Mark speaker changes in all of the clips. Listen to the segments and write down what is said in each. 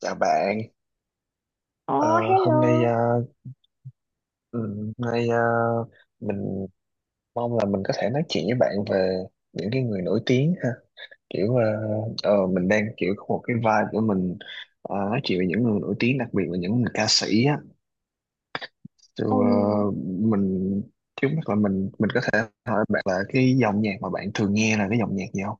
Speaker 1: Chào bạn.
Speaker 2: Ồ,
Speaker 1: Ờ,
Speaker 2: hello.
Speaker 1: Hôm nay hôm nay mình mong là mình có thể nói chuyện với bạn về những cái người nổi tiếng ha. Kiểu mình đang kiểu có một cái vibe của mình nói chuyện về những người nổi tiếng, đặc biệt là những người ca sĩ á. So, ờ,
Speaker 2: Ừm,
Speaker 1: mình trước mắt là mình có thể hỏi bạn là cái dòng nhạc mà bạn thường nghe là cái dòng nhạc gì không?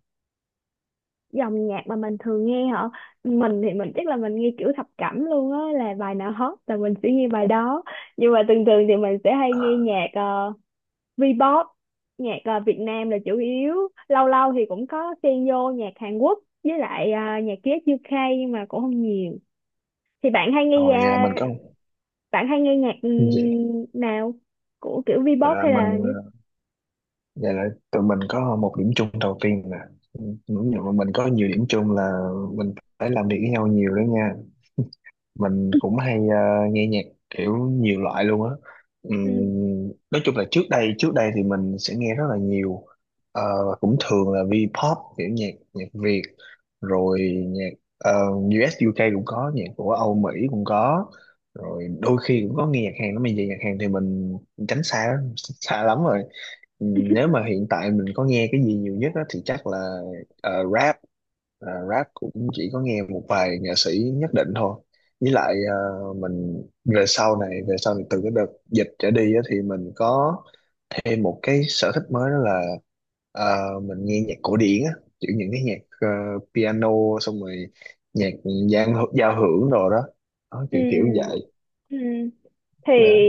Speaker 2: Dòng nhạc mà mình thường nghe hả? Mình thì mình chắc là mình nghe kiểu thập cẩm luôn á, là bài nào hot là mình sẽ nghe bài đó. Nhưng mà thường thường thì mình sẽ hay nghe nhạc V-pop, nhạc Việt Nam là chủ yếu. Lâu lâu thì cũng có xen vô nhạc Hàn Quốc với lại nhạc US UK nhưng mà cũng không nhiều. Thì bạn hay nghe
Speaker 1: Rồi vậy là mình
Speaker 2: à,
Speaker 1: có
Speaker 2: bạn hay nghe nhạc
Speaker 1: gì?
Speaker 2: nào? Của kiểu
Speaker 1: Vậy
Speaker 2: V-pop
Speaker 1: là
Speaker 2: hay là,
Speaker 1: mình ờ, Vậy là tụi mình có một điểm chung đầu tiên nè. Đúng rồi, bọn mình có nhiều điểm chung, là mình phải làm việc với nhau nhiều đó nha. Mình cũng hay nghe nhạc kiểu nhiều loại luôn á.
Speaker 2: ừ.
Speaker 1: Nói chung là trước đây thì mình sẽ nghe rất là nhiều. Ờ, và cũng thường là V-pop, kiểu nhạc nhạc Việt, rồi nhạc US UK cũng có, nhạc của Âu Mỹ cũng có, rồi đôi khi cũng có nghe nhạc Hàn. Nó bây giờ nhạc Hàn thì mình tránh xa xa lắm rồi. Nếu mà hiện tại mình có nghe cái gì nhiều nhất á thì chắc là rap. Ờ, rap cũng chỉ có nghe một vài nghệ sĩ nhất định thôi, với lại mình về sau này từ cái đợt dịch trở đi á, thì mình có thêm một cái sở thích mới, đó là mình nghe nhạc cổ điển á, kiểu những cái nhạc piano, xong rồi nhạc giao hưởng đồ đó, đó
Speaker 2: Ừ.
Speaker 1: kiểu kiểu như vậy.
Speaker 2: Ừ. thì
Speaker 1: Ờ,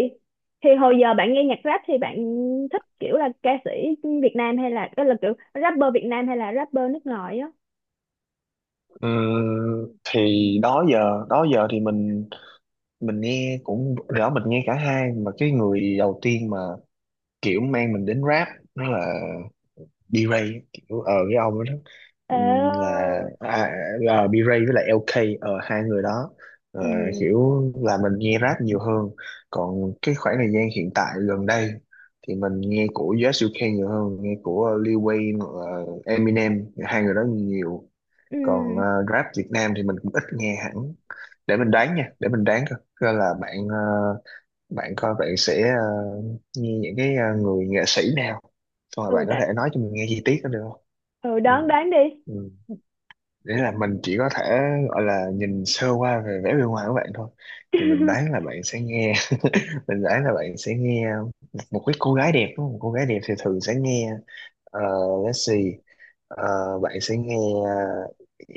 Speaker 2: thì hồi giờ bạn nghe nhạc rap thì bạn thích kiểu là ca sĩ Việt Nam, hay là đó là kiểu rapper Việt Nam hay là rapper nước ngoài á?
Speaker 1: thì đó giờ thì mình nghe cũng rõ mình nghe cả hai, mà cái người đầu tiên mà kiểu mang mình đến rap đó là B-Ray, kiểu ờ cái ông đó. ừm,
Speaker 2: ờ
Speaker 1: là à, B-Ray với lại LK, ờ hai người đó. Ờ,
Speaker 2: ừ,
Speaker 1: kiểu là mình nghe rap nhiều hơn, còn cái khoảng thời gian hiện tại gần đây thì mình nghe của US UK nhiều hơn, nghe của Lil Wayne hoặc là Eminem, hai người đó nhiều. Còn
Speaker 2: ừ,
Speaker 1: rap Việt Nam thì mình cũng ít nghe hẳn. Để mình đoán nha, để mình đoán coi coi là bạn bạn coi bạn sẽ nghe những cái người nghệ sĩ nào, xong rồi
Speaker 2: ừ,
Speaker 1: bạn có thể nói cho mình nghe chi tiết đó được không?
Speaker 2: ừ,
Speaker 1: Ừ.
Speaker 2: đoán đoán đi.
Speaker 1: Ừ. Để là mình chỉ có thể gọi là nhìn sơ qua về vẻ bên ngoài của bạn thôi, thì mình đoán là bạn sẽ nghe, mình đoán là bạn sẽ nghe một cái cô gái đẹp đúng không? Cô gái đẹp thì thường sẽ nghe, ờ, let's see. Ờ, bạn sẽ nghe ờ,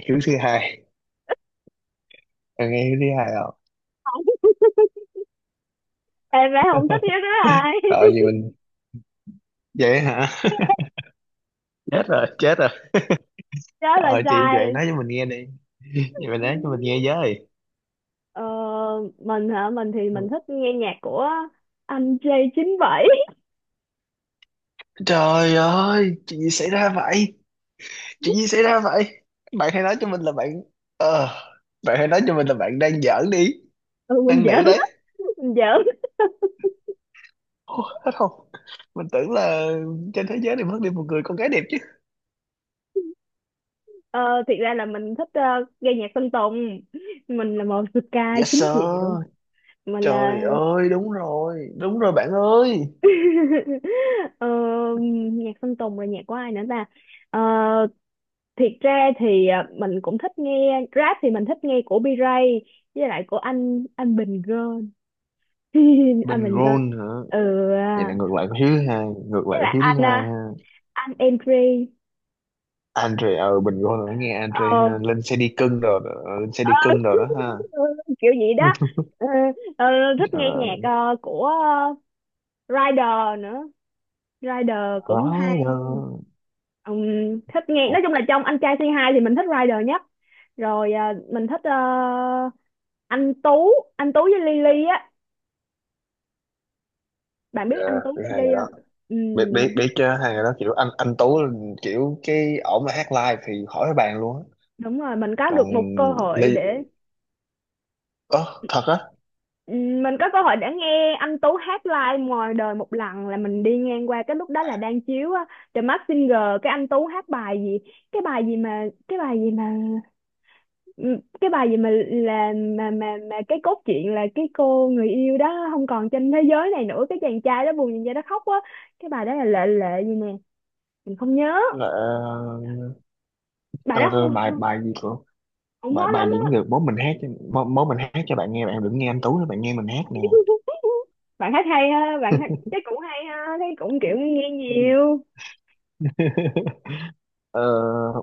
Speaker 1: Hiếu thứ hai. Bạn nghe Hiếu thứ hai không?
Speaker 2: Không. Em bé không thích nhất đó, ai?
Speaker 1: ờ gì mình vậy hả? Chết rồi, chết rồi.
Speaker 2: Đó là
Speaker 1: Trời, chị, bạn
Speaker 2: sai.
Speaker 1: nói cho mình nghe đi. Vậy bạn nói cho mình nghe
Speaker 2: Ừ.
Speaker 1: với.
Speaker 2: ờ, mình hả? Mình thì mình thích nghe nhạc của anh J97.
Speaker 1: Trời ơi, chuyện gì xảy ra vậy? Chuyện gì xảy ra vậy? Bạn hãy nói cho mình là bạn ờ, Bạn hãy nói cho mình là bạn đang giỡn đi.
Speaker 2: Ừ, mình
Speaker 1: Đang nỉ
Speaker 2: giỡn,
Speaker 1: đấy.
Speaker 2: mình giỡn.
Speaker 1: Ô, hết không? Mình tưởng là trên thế giới này mất đi một người con gái đẹp chứ.
Speaker 2: Ờ, Thiệt ra là mình thích nghe nhạc Sơn Tùng. Mình là một Sky
Speaker 1: Yes
Speaker 2: chính diệu.
Speaker 1: sir.
Speaker 2: Mình là
Speaker 1: Trời ơi, đúng rồi. Đúng rồi bạn ơi.
Speaker 2: ờ, Nhạc Sơn Tùng, rồi nhạc của ai nữa ta? Ờ, thiệt ra thì mình cũng thích nghe rap, thì mình thích nghe của B-Ray với lại của anh Bình Gơn. Anh
Speaker 1: Bình
Speaker 2: Bình Gơn.
Speaker 1: gôn hả?
Speaker 2: Ừ.
Speaker 1: Vậy là
Speaker 2: À.
Speaker 1: ngược lại của Hiếu thứ hai. Ngược
Speaker 2: Với
Speaker 1: lại của
Speaker 2: lại
Speaker 1: Hiếu thứ
Speaker 2: anh
Speaker 1: hai
Speaker 2: à,
Speaker 1: ha.
Speaker 2: anh Entry.
Speaker 1: Andre, ờ bình luôn rồi, nghe Andre
Speaker 2: Ờ.
Speaker 1: ha. Lên xe đi cưng rồi đó, lên xe đi cưng rồi đó ha.
Speaker 2: Kiểu gì đó. Ờ, ờ, Thích nghe nhạc
Speaker 1: Ờ,
Speaker 2: của, Rider nữa. Rider cũng hay.
Speaker 1: Rider.
Speaker 2: Thích nghe, nói chung là
Speaker 1: Ok,
Speaker 2: trong anh trai Say Hi thì mình thích Rider nhất, rồi à, mình thích anh Tú. Anh Tú với Lily á. Bạn biết anh Tú
Speaker 1: biết
Speaker 2: với
Speaker 1: hai người
Speaker 2: Lily
Speaker 1: đó.
Speaker 2: không?
Speaker 1: biết biết
Speaker 2: Mình
Speaker 1: biết chứ, hai người đó kiểu anh Tú là kiểu cái ổng là hát live thì khỏi bàn luôn á.
Speaker 2: Đúng rồi, mình có
Speaker 1: Còn
Speaker 2: được một cơ hội
Speaker 1: Ly,
Speaker 2: để,
Speaker 1: ơ thật á?
Speaker 2: mình có cơ hội để nghe anh Tú hát live ngoài đời một lần, là mình đi ngang qua cái lúc đó là đang chiếu á, The Masked Singer. Cái anh Tú hát bài gì? Cái bài gì mà ừ, cái bài gì mà là, mà cái cốt truyện là cái cô người yêu đó không còn trên thế giới này nữa, cái chàng trai đó buồn nhìn ra đó khóc quá. Cái bài đó là lệ, lệ gì nè, mình không nhớ.
Speaker 1: là ờ,
Speaker 2: Bài đó
Speaker 1: ờ, ờ, bài
Speaker 2: không,
Speaker 1: bài gì của,
Speaker 2: không
Speaker 1: bài
Speaker 2: hot
Speaker 1: bài
Speaker 2: lắm
Speaker 1: gì cũng
Speaker 2: á.
Speaker 1: được, bố mình hát cho bạn nghe, bạn đừng nghe anh Tú nữa, bạn nghe mình hát nè.
Speaker 2: Bạn hát hay ha, bạn hát chắc cũng hay ha, thấy cũng kiểu nghe nhiều.
Speaker 1: Ờ,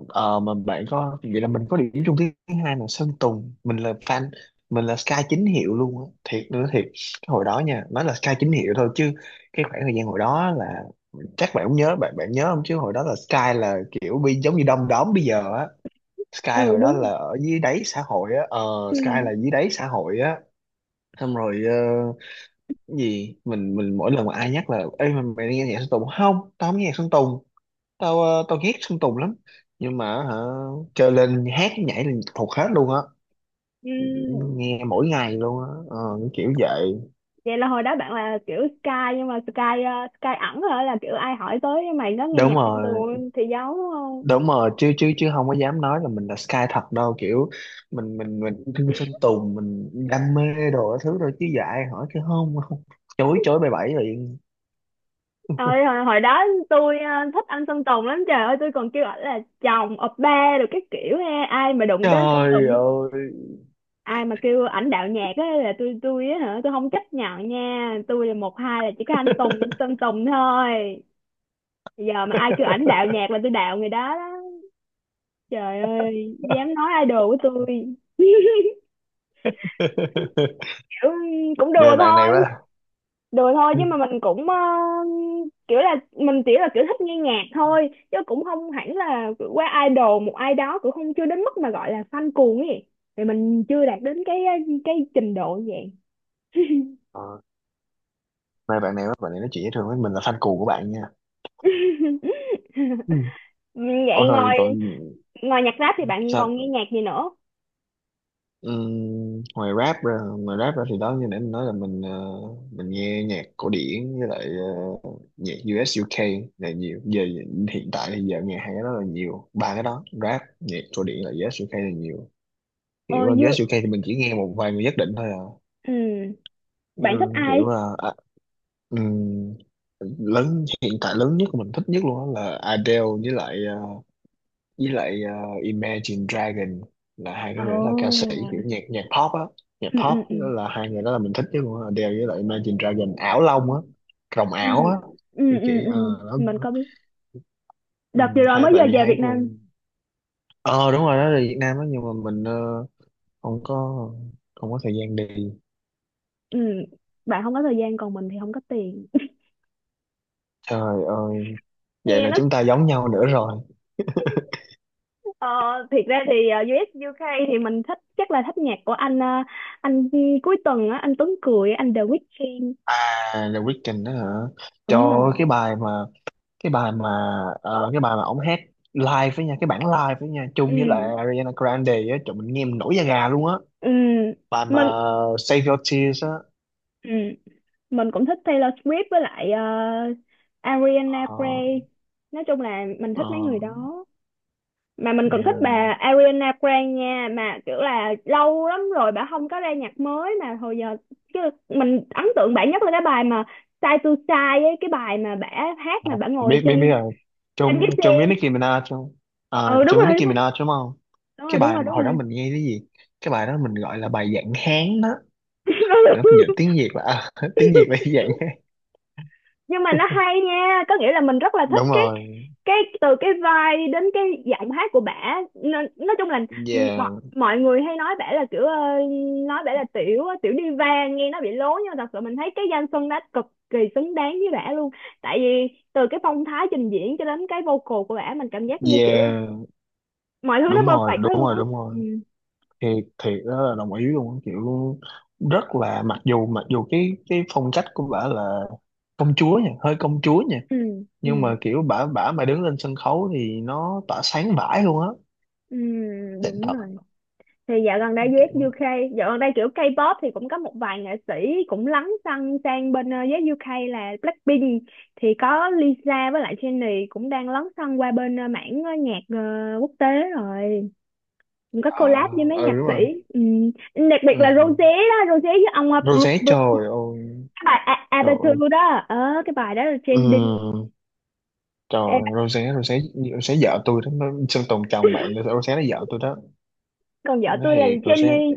Speaker 1: mà bạn có, vậy là mình có điểm chung thứ hai là Sơn Tùng, mình là fan. Mình là Sky chính hiệu luôn á, thiệt nữa, thiệt. Cái hồi đó nha, nói là Sky chính hiệu thôi chứ, cái khoảng thời gian hồi đó là, chắc bạn cũng nhớ, bạn bạn nhớ không, chứ hồi đó là Sky là kiểu bi giống như đom đóm bây giờ á.
Speaker 2: Ừ,
Speaker 1: Sky hồi đó
Speaker 2: đúng.
Speaker 1: là ở dưới đáy xã hội á, ờ,
Speaker 2: Ừ.
Speaker 1: Sky là dưới đáy xã hội á. Xong rồi ờ, cái gì mình mỗi lần mà ai nhắc là ê mày, mày đi nghe nhạc Sơn Tùng không, tao không nghe nhạc Sơn Tùng, tao ghét Sơn Tùng lắm, nhưng mà hả, chơi lên hát nhảy là thuộc hết luôn á,
Speaker 2: Ừ.
Speaker 1: nghe mỗi ngày luôn á, cái kiểu vậy.
Speaker 2: Vậy là hồi đó bạn là kiểu Sky, nhưng mà Sky ẩn hả, là kiểu ai hỏi tới mày nó nghe
Speaker 1: Đúng
Speaker 2: nhạc trong
Speaker 1: rồi,
Speaker 2: tuồng thì giấu.
Speaker 1: đúng rồi, chứ chứ chứ không có dám nói là mình là Sky thật đâu, kiểu mình thương Sơn Tùng, mình đam mê đồ, cái thứ rồi chứ dạy hỏi chứ không, không, chối chối bày bẫy liền.
Speaker 2: Hồi đó tôi thích anh Sơn Tùng lắm, trời ơi tôi còn kêu ảnh là chồng, oppa được cái kiểu ha, ai mà đụng tới anh Sơn Tùng,
Speaker 1: Trời ơi.
Speaker 2: ai mà kêu ảnh đạo nhạc á là tôi á, hả, tôi không chấp nhận nha, tôi là một hai là chỉ có anh Sơn Tùng thôi. Giờ mà ai kêu ảnh đạo nhạc là tôi đạo người đó đó, trời ơi dám nói idol của tôi, kiểu. Cũng đùa
Speaker 1: Mê bạn này
Speaker 2: thôi.
Speaker 1: quá.
Speaker 2: Đùa thôi chứ
Speaker 1: Ừ.
Speaker 2: mà mình cũng kiểu là mình chỉ là kiểu thích nghe nhạc thôi chứ cũng không hẳn là qua idol một ai đó, cũng không, chưa đến mức mà gọi là fan cuồng ấy. Thì mình chưa đạt đến cái, cái trình độ như vậy.
Speaker 1: ờ, Mê bạn này quá, bạn này nói chuyện với thường với mình là fan cuồng của bạn nha. Ừ. Ủa,
Speaker 2: Vậy
Speaker 1: rồi
Speaker 2: ngoài
Speaker 1: còn
Speaker 2: ngoài nhạc rap thì bạn còn nghe
Speaker 1: sao?
Speaker 2: nhạc gì nữa?
Speaker 1: Ngoài rap ra thì đó như nãy mình nói là mình nghe nhạc cổ điển với lại ờ, nhạc u UK là nhiều. Giờ hiện tại thì giờ nghe hai cái đó là nhiều, ba cái đó, rap, nhạc cổ điển, là u ét u UK là nhiều.
Speaker 2: Ờ
Speaker 1: Kiểu u ét
Speaker 2: vui.
Speaker 1: u UK thì mình chỉ nghe một vài người nhất định thôi à.
Speaker 2: Ừ. Bạn thích
Speaker 1: Ừm, kiểu
Speaker 2: ai?
Speaker 1: là à, ừm, lớn hiện tại lớn nhất mình thích nhất luôn đó là Adele với lại với lại ờ, Imagine Dragon. Là hai cái người đó là ca sĩ
Speaker 2: Ồ.
Speaker 1: kiểu nhạc nhạc pop á. Nhạc
Speaker 2: Ừ,
Speaker 1: pop
Speaker 2: ừ, ừ,
Speaker 1: đó, là hai người đó là mình thích nhất luôn á, Adele với lại Imagine Dragon, ảo long á, rồng
Speaker 2: ừ,
Speaker 1: ảo á, cái
Speaker 2: ừ,
Speaker 1: kiểu
Speaker 2: ừ, ừ.
Speaker 1: đó.
Speaker 2: Mình có biết,
Speaker 1: Ừ,
Speaker 2: đợt vừa rồi
Speaker 1: hai
Speaker 2: mới
Speaker 1: tại
Speaker 2: giờ
Speaker 1: vì
Speaker 2: về
Speaker 1: hai
Speaker 2: Việt Nam.
Speaker 1: người ờ đúng rồi đó là Việt Nam á, nhưng mà không có, không có thời gian đi.
Speaker 2: Ừ, bạn không có thời gian, còn mình thì không có tiền,
Speaker 1: Trời ơi, vậy
Speaker 2: nghe
Speaker 1: là
Speaker 2: nó.
Speaker 1: chúng ta giống nhau nữa rồi.
Speaker 2: Ờ, thiệt ra thì US UK thì mình thích, chắc là thích nhạc của anh cuối tuần á, anh Tuấn Cười, anh The Weeknd.
Speaker 1: À, The Weeknd đó hả?
Speaker 2: Đúng
Speaker 1: Cho
Speaker 2: rồi.
Speaker 1: cái bài mà, cái bài mà cái bài mà ông hát live với nha, cái bản live với nha, chung
Speaker 2: Ừ.
Speaker 1: với lại Ariana Grande á, trời mình nghe mình nổi da gà luôn á.
Speaker 2: Ừ.
Speaker 1: Bài mà
Speaker 2: Mình.
Speaker 1: Save Your Tears á.
Speaker 2: Ừ, mình cũng thích Taylor Swift với lại Ariana
Speaker 1: Ờ,
Speaker 2: Grande. Nói chung là mình thích mấy
Speaker 1: ờ,
Speaker 2: người đó, mà mình còn thích
Speaker 1: yeah.
Speaker 2: bà Ariana Grande nha, mà kiểu là lâu lắm rồi bà không có ra nhạc mới mà hồi giờ chứ. Mình ấn tượng bà nhất là cái bài mà Side to Side ấy, cái bài mà bà hát mà bà ngồi
Speaker 1: biết biết biết
Speaker 2: trên
Speaker 1: rồi,
Speaker 2: trên
Speaker 1: chung
Speaker 2: cái
Speaker 1: chung với
Speaker 2: xe.
Speaker 1: Nicki Minaj chung. Ờ,
Speaker 2: Ừ, đúng
Speaker 1: chung với
Speaker 2: rồi,
Speaker 1: Nicki
Speaker 2: đúng
Speaker 1: Minaj đúng không?
Speaker 2: rồi,
Speaker 1: Cái
Speaker 2: đúng
Speaker 1: bài
Speaker 2: rồi,
Speaker 1: mà
Speaker 2: đúng rồi, đúng
Speaker 1: hồi đó
Speaker 2: rồi.
Speaker 1: mình nghe cái gì, cái bài đó mình gọi là bài dạng Hán đó. Hồi đó mình dịch tiếng Việt là à, tiếng Việt là dạng Hán.
Speaker 2: Nhưng mà nó hay nha, có nghĩa là mình rất là thích
Speaker 1: Đúng rồi.
Speaker 2: cái từ cái vai đến cái giọng hát của bả, nó, nói chung là mọi,
Speaker 1: Yeah.
Speaker 2: mọi người hay nói bả là kiểu nói bả là tiểu diva, nghe nó bị lố, nhưng mà thật sự mình thấy cái danh xưng đó cực kỳ xứng đáng với bả luôn, tại vì từ cái phong thái trình diễn cho đến cái vocal của bả, mình cảm giác như kiểu
Speaker 1: Yeah,
Speaker 2: mọi thứ nó
Speaker 1: đúng rồi,
Speaker 2: perfect hết
Speaker 1: đúng
Speaker 2: luôn
Speaker 1: rồi,
Speaker 2: á.
Speaker 1: đúng rồi.
Speaker 2: Ừ,
Speaker 1: Thì thiệt đó, là đồng ý luôn á, kiểu rất là, mặc dù cái phong cách của bả là công chúa nha, hơi công chúa nha,
Speaker 2: ừ, ừ,
Speaker 1: nhưng mà kiểu bả bả mà đứng lên sân khấu thì nó tỏa sáng vãi luôn á.
Speaker 2: ừ,
Speaker 1: Xịn
Speaker 2: đúng rồi.
Speaker 1: thật.
Speaker 2: Thì dạo gần đây US
Speaker 1: Kiểu
Speaker 2: UK, dạo gần đây kiểu K-pop thì cũng có một vài nghệ sĩ cũng lấn sân sang bên US UK là Blackpink, thì có Lisa với lại Jennie cũng đang lấn sân qua bên ờ, mảng ờ, nhạc ờ, quốc tế, rồi cũng có
Speaker 1: à,
Speaker 2: collab với mấy
Speaker 1: ừ
Speaker 2: nhạc
Speaker 1: đúng
Speaker 2: sĩ.
Speaker 1: rồi.
Speaker 2: Ừ. Đặc biệt là Rosé
Speaker 1: Ừ.
Speaker 2: đó, Rosé với ông
Speaker 1: Rosé, trời ơi,
Speaker 2: Cái bài
Speaker 1: trời ơi.
Speaker 2: Aperture đó. Ờ cái bài đó là
Speaker 1: Ừ.
Speaker 2: trending.
Speaker 1: Trời
Speaker 2: Ê,
Speaker 1: ơi, Rosé Rosé Rosé vợ tôi đó nó, Sơn Tùng chồng bạn nữa, Rosé nó vợ tôi đó
Speaker 2: còn vợ
Speaker 1: nó,
Speaker 2: tôi là
Speaker 1: thiệt Rosé.
Speaker 2: Jennie.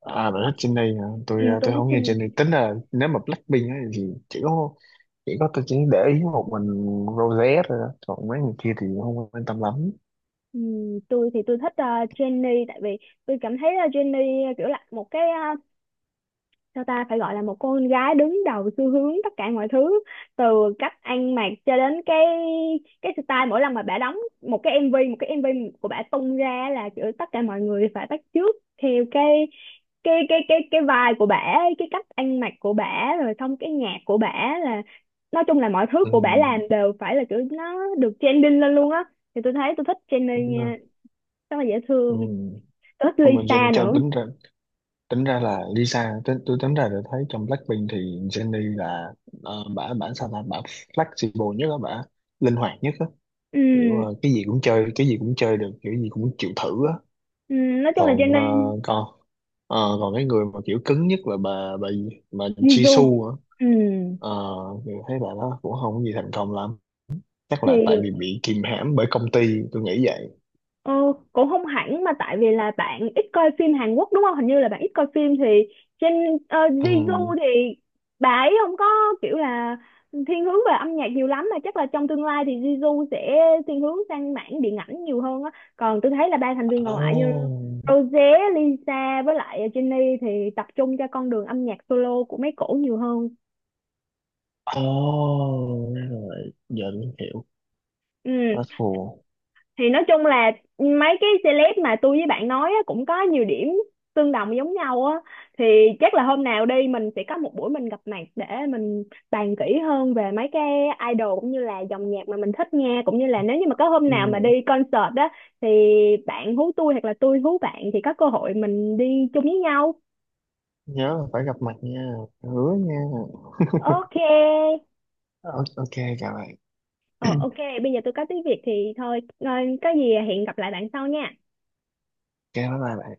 Speaker 1: À bạn thích Jennie hả?
Speaker 2: Ừ, tôi
Speaker 1: Tôi
Speaker 2: thích
Speaker 1: không nghe
Speaker 2: Jennie.
Speaker 1: Jennie, tính là nếu mà Blackpink á thì chỉ có, chỉ có tôi chỉ để ý một mình Rosé thôi đó. Còn mấy người kia thì không quan tâm lắm.
Speaker 2: Ừ, tôi thì tôi thích Jennie tại vì tôi cảm thấy Jennie kiểu là một cái, sao ta, phải gọi là một cô con gái đứng đầu xu hướng tất cả mọi thứ, từ cách ăn mặc cho đến cái style, mỗi lần mà bả đóng một cái MV của bả tung ra là kiểu tất cả mọi người phải bắt chước theo cái vibe của bả, cái cách ăn mặc của bả rồi xong cái nhạc của bả là, nói chung là mọi thứ
Speaker 1: Ừ.
Speaker 2: của bả làm đều phải là kiểu nó được trending lên luôn á. Thì tôi thấy tôi thích Jennie
Speaker 1: Đúng rồi.
Speaker 2: nha, rất là dễ
Speaker 1: Ừ.
Speaker 2: thương. Tôi thích
Speaker 1: Nhưng mà
Speaker 2: Lisa
Speaker 1: Jen Jen
Speaker 2: nữa.
Speaker 1: tính ra, tôi tính ra được, thấy trong Blackpink thì Jennie là bả, bả sao là bả flexible nhất á, bả linh hoạt nhất á, kiểu
Speaker 2: Ừ.
Speaker 1: cái gì cũng chơi, cái gì cũng chơi được, kiểu gì cũng chịu thử á.
Speaker 2: Ừ. Nói chung là
Speaker 1: còn ờ,
Speaker 2: Jennie,
Speaker 1: còn ờ, còn cái người mà kiểu cứng nhất là bà gì? Bà
Speaker 2: Jisoo.
Speaker 1: Jisoo á.
Speaker 2: Ừ,
Speaker 1: Ờ, thì thấy bà đó cũng không có gì thành công lắm, chắc là tại vì
Speaker 2: thì
Speaker 1: bị kìm hãm bởi công ty, tôi nghĩ vậy.
Speaker 2: ờ, cũng không hẳn, mà tại vì là bạn ít coi phim Hàn Quốc đúng không, hình như là bạn ít coi phim. Thì trên
Speaker 1: Ừ.
Speaker 2: Jisoo thì bà ấy không có kiểu là thiên hướng về âm nhạc nhiều lắm, mà chắc là trong tương lai thì Jisoo sẽ thiên hướng sang mảng điện ảnh nhiều hơn á. Còn tôi thấy là ba thành viên còn lại như
Speaker 1: Oh.
Speaker 2: Rosé, Lisa với lại Jennie thì tập trung cho con đường âm nhạc solo của mấy cổ nhiều hơn.
Speaker 1: Ồ, ra rồi, giờ tôi hiểu.
Speaker 2: Ừ.
Speaker 1: That's cool.
Speaker 2: Thì nói chung là mấy cái celeb mà tôi với bạn nói á, cũng có nhiều điểm tương đồng giống nhau á, thì chắc là hôm nào đi mình sẽ có một buổi mình gặp mặt để mình bàn kỹ hơn về mấy cái idol cũng như là dòng nhạc mà mình thích nghe, cũng như là nếu như mà có hôm
Speaker 1: Ừ.
Speaker 2: nào mà đi concert á thì bạn hú tôi hoặc là tôi hú bạn thì có cơ hội mình đi chung với nhau.
Speaker 1: Nhớ là phải gặp mặt nha, hứa nha.
Speaker 2: Ok.
Speaker 1: Ờ, ok. Chào bạn.
Speaker 2: Ờ, ok, bây giờ tôi có tiếng Việt thì thôi, có gì hẹn gặp lại bạn sau nha.
Speaker 1: Ok bye bye bạn.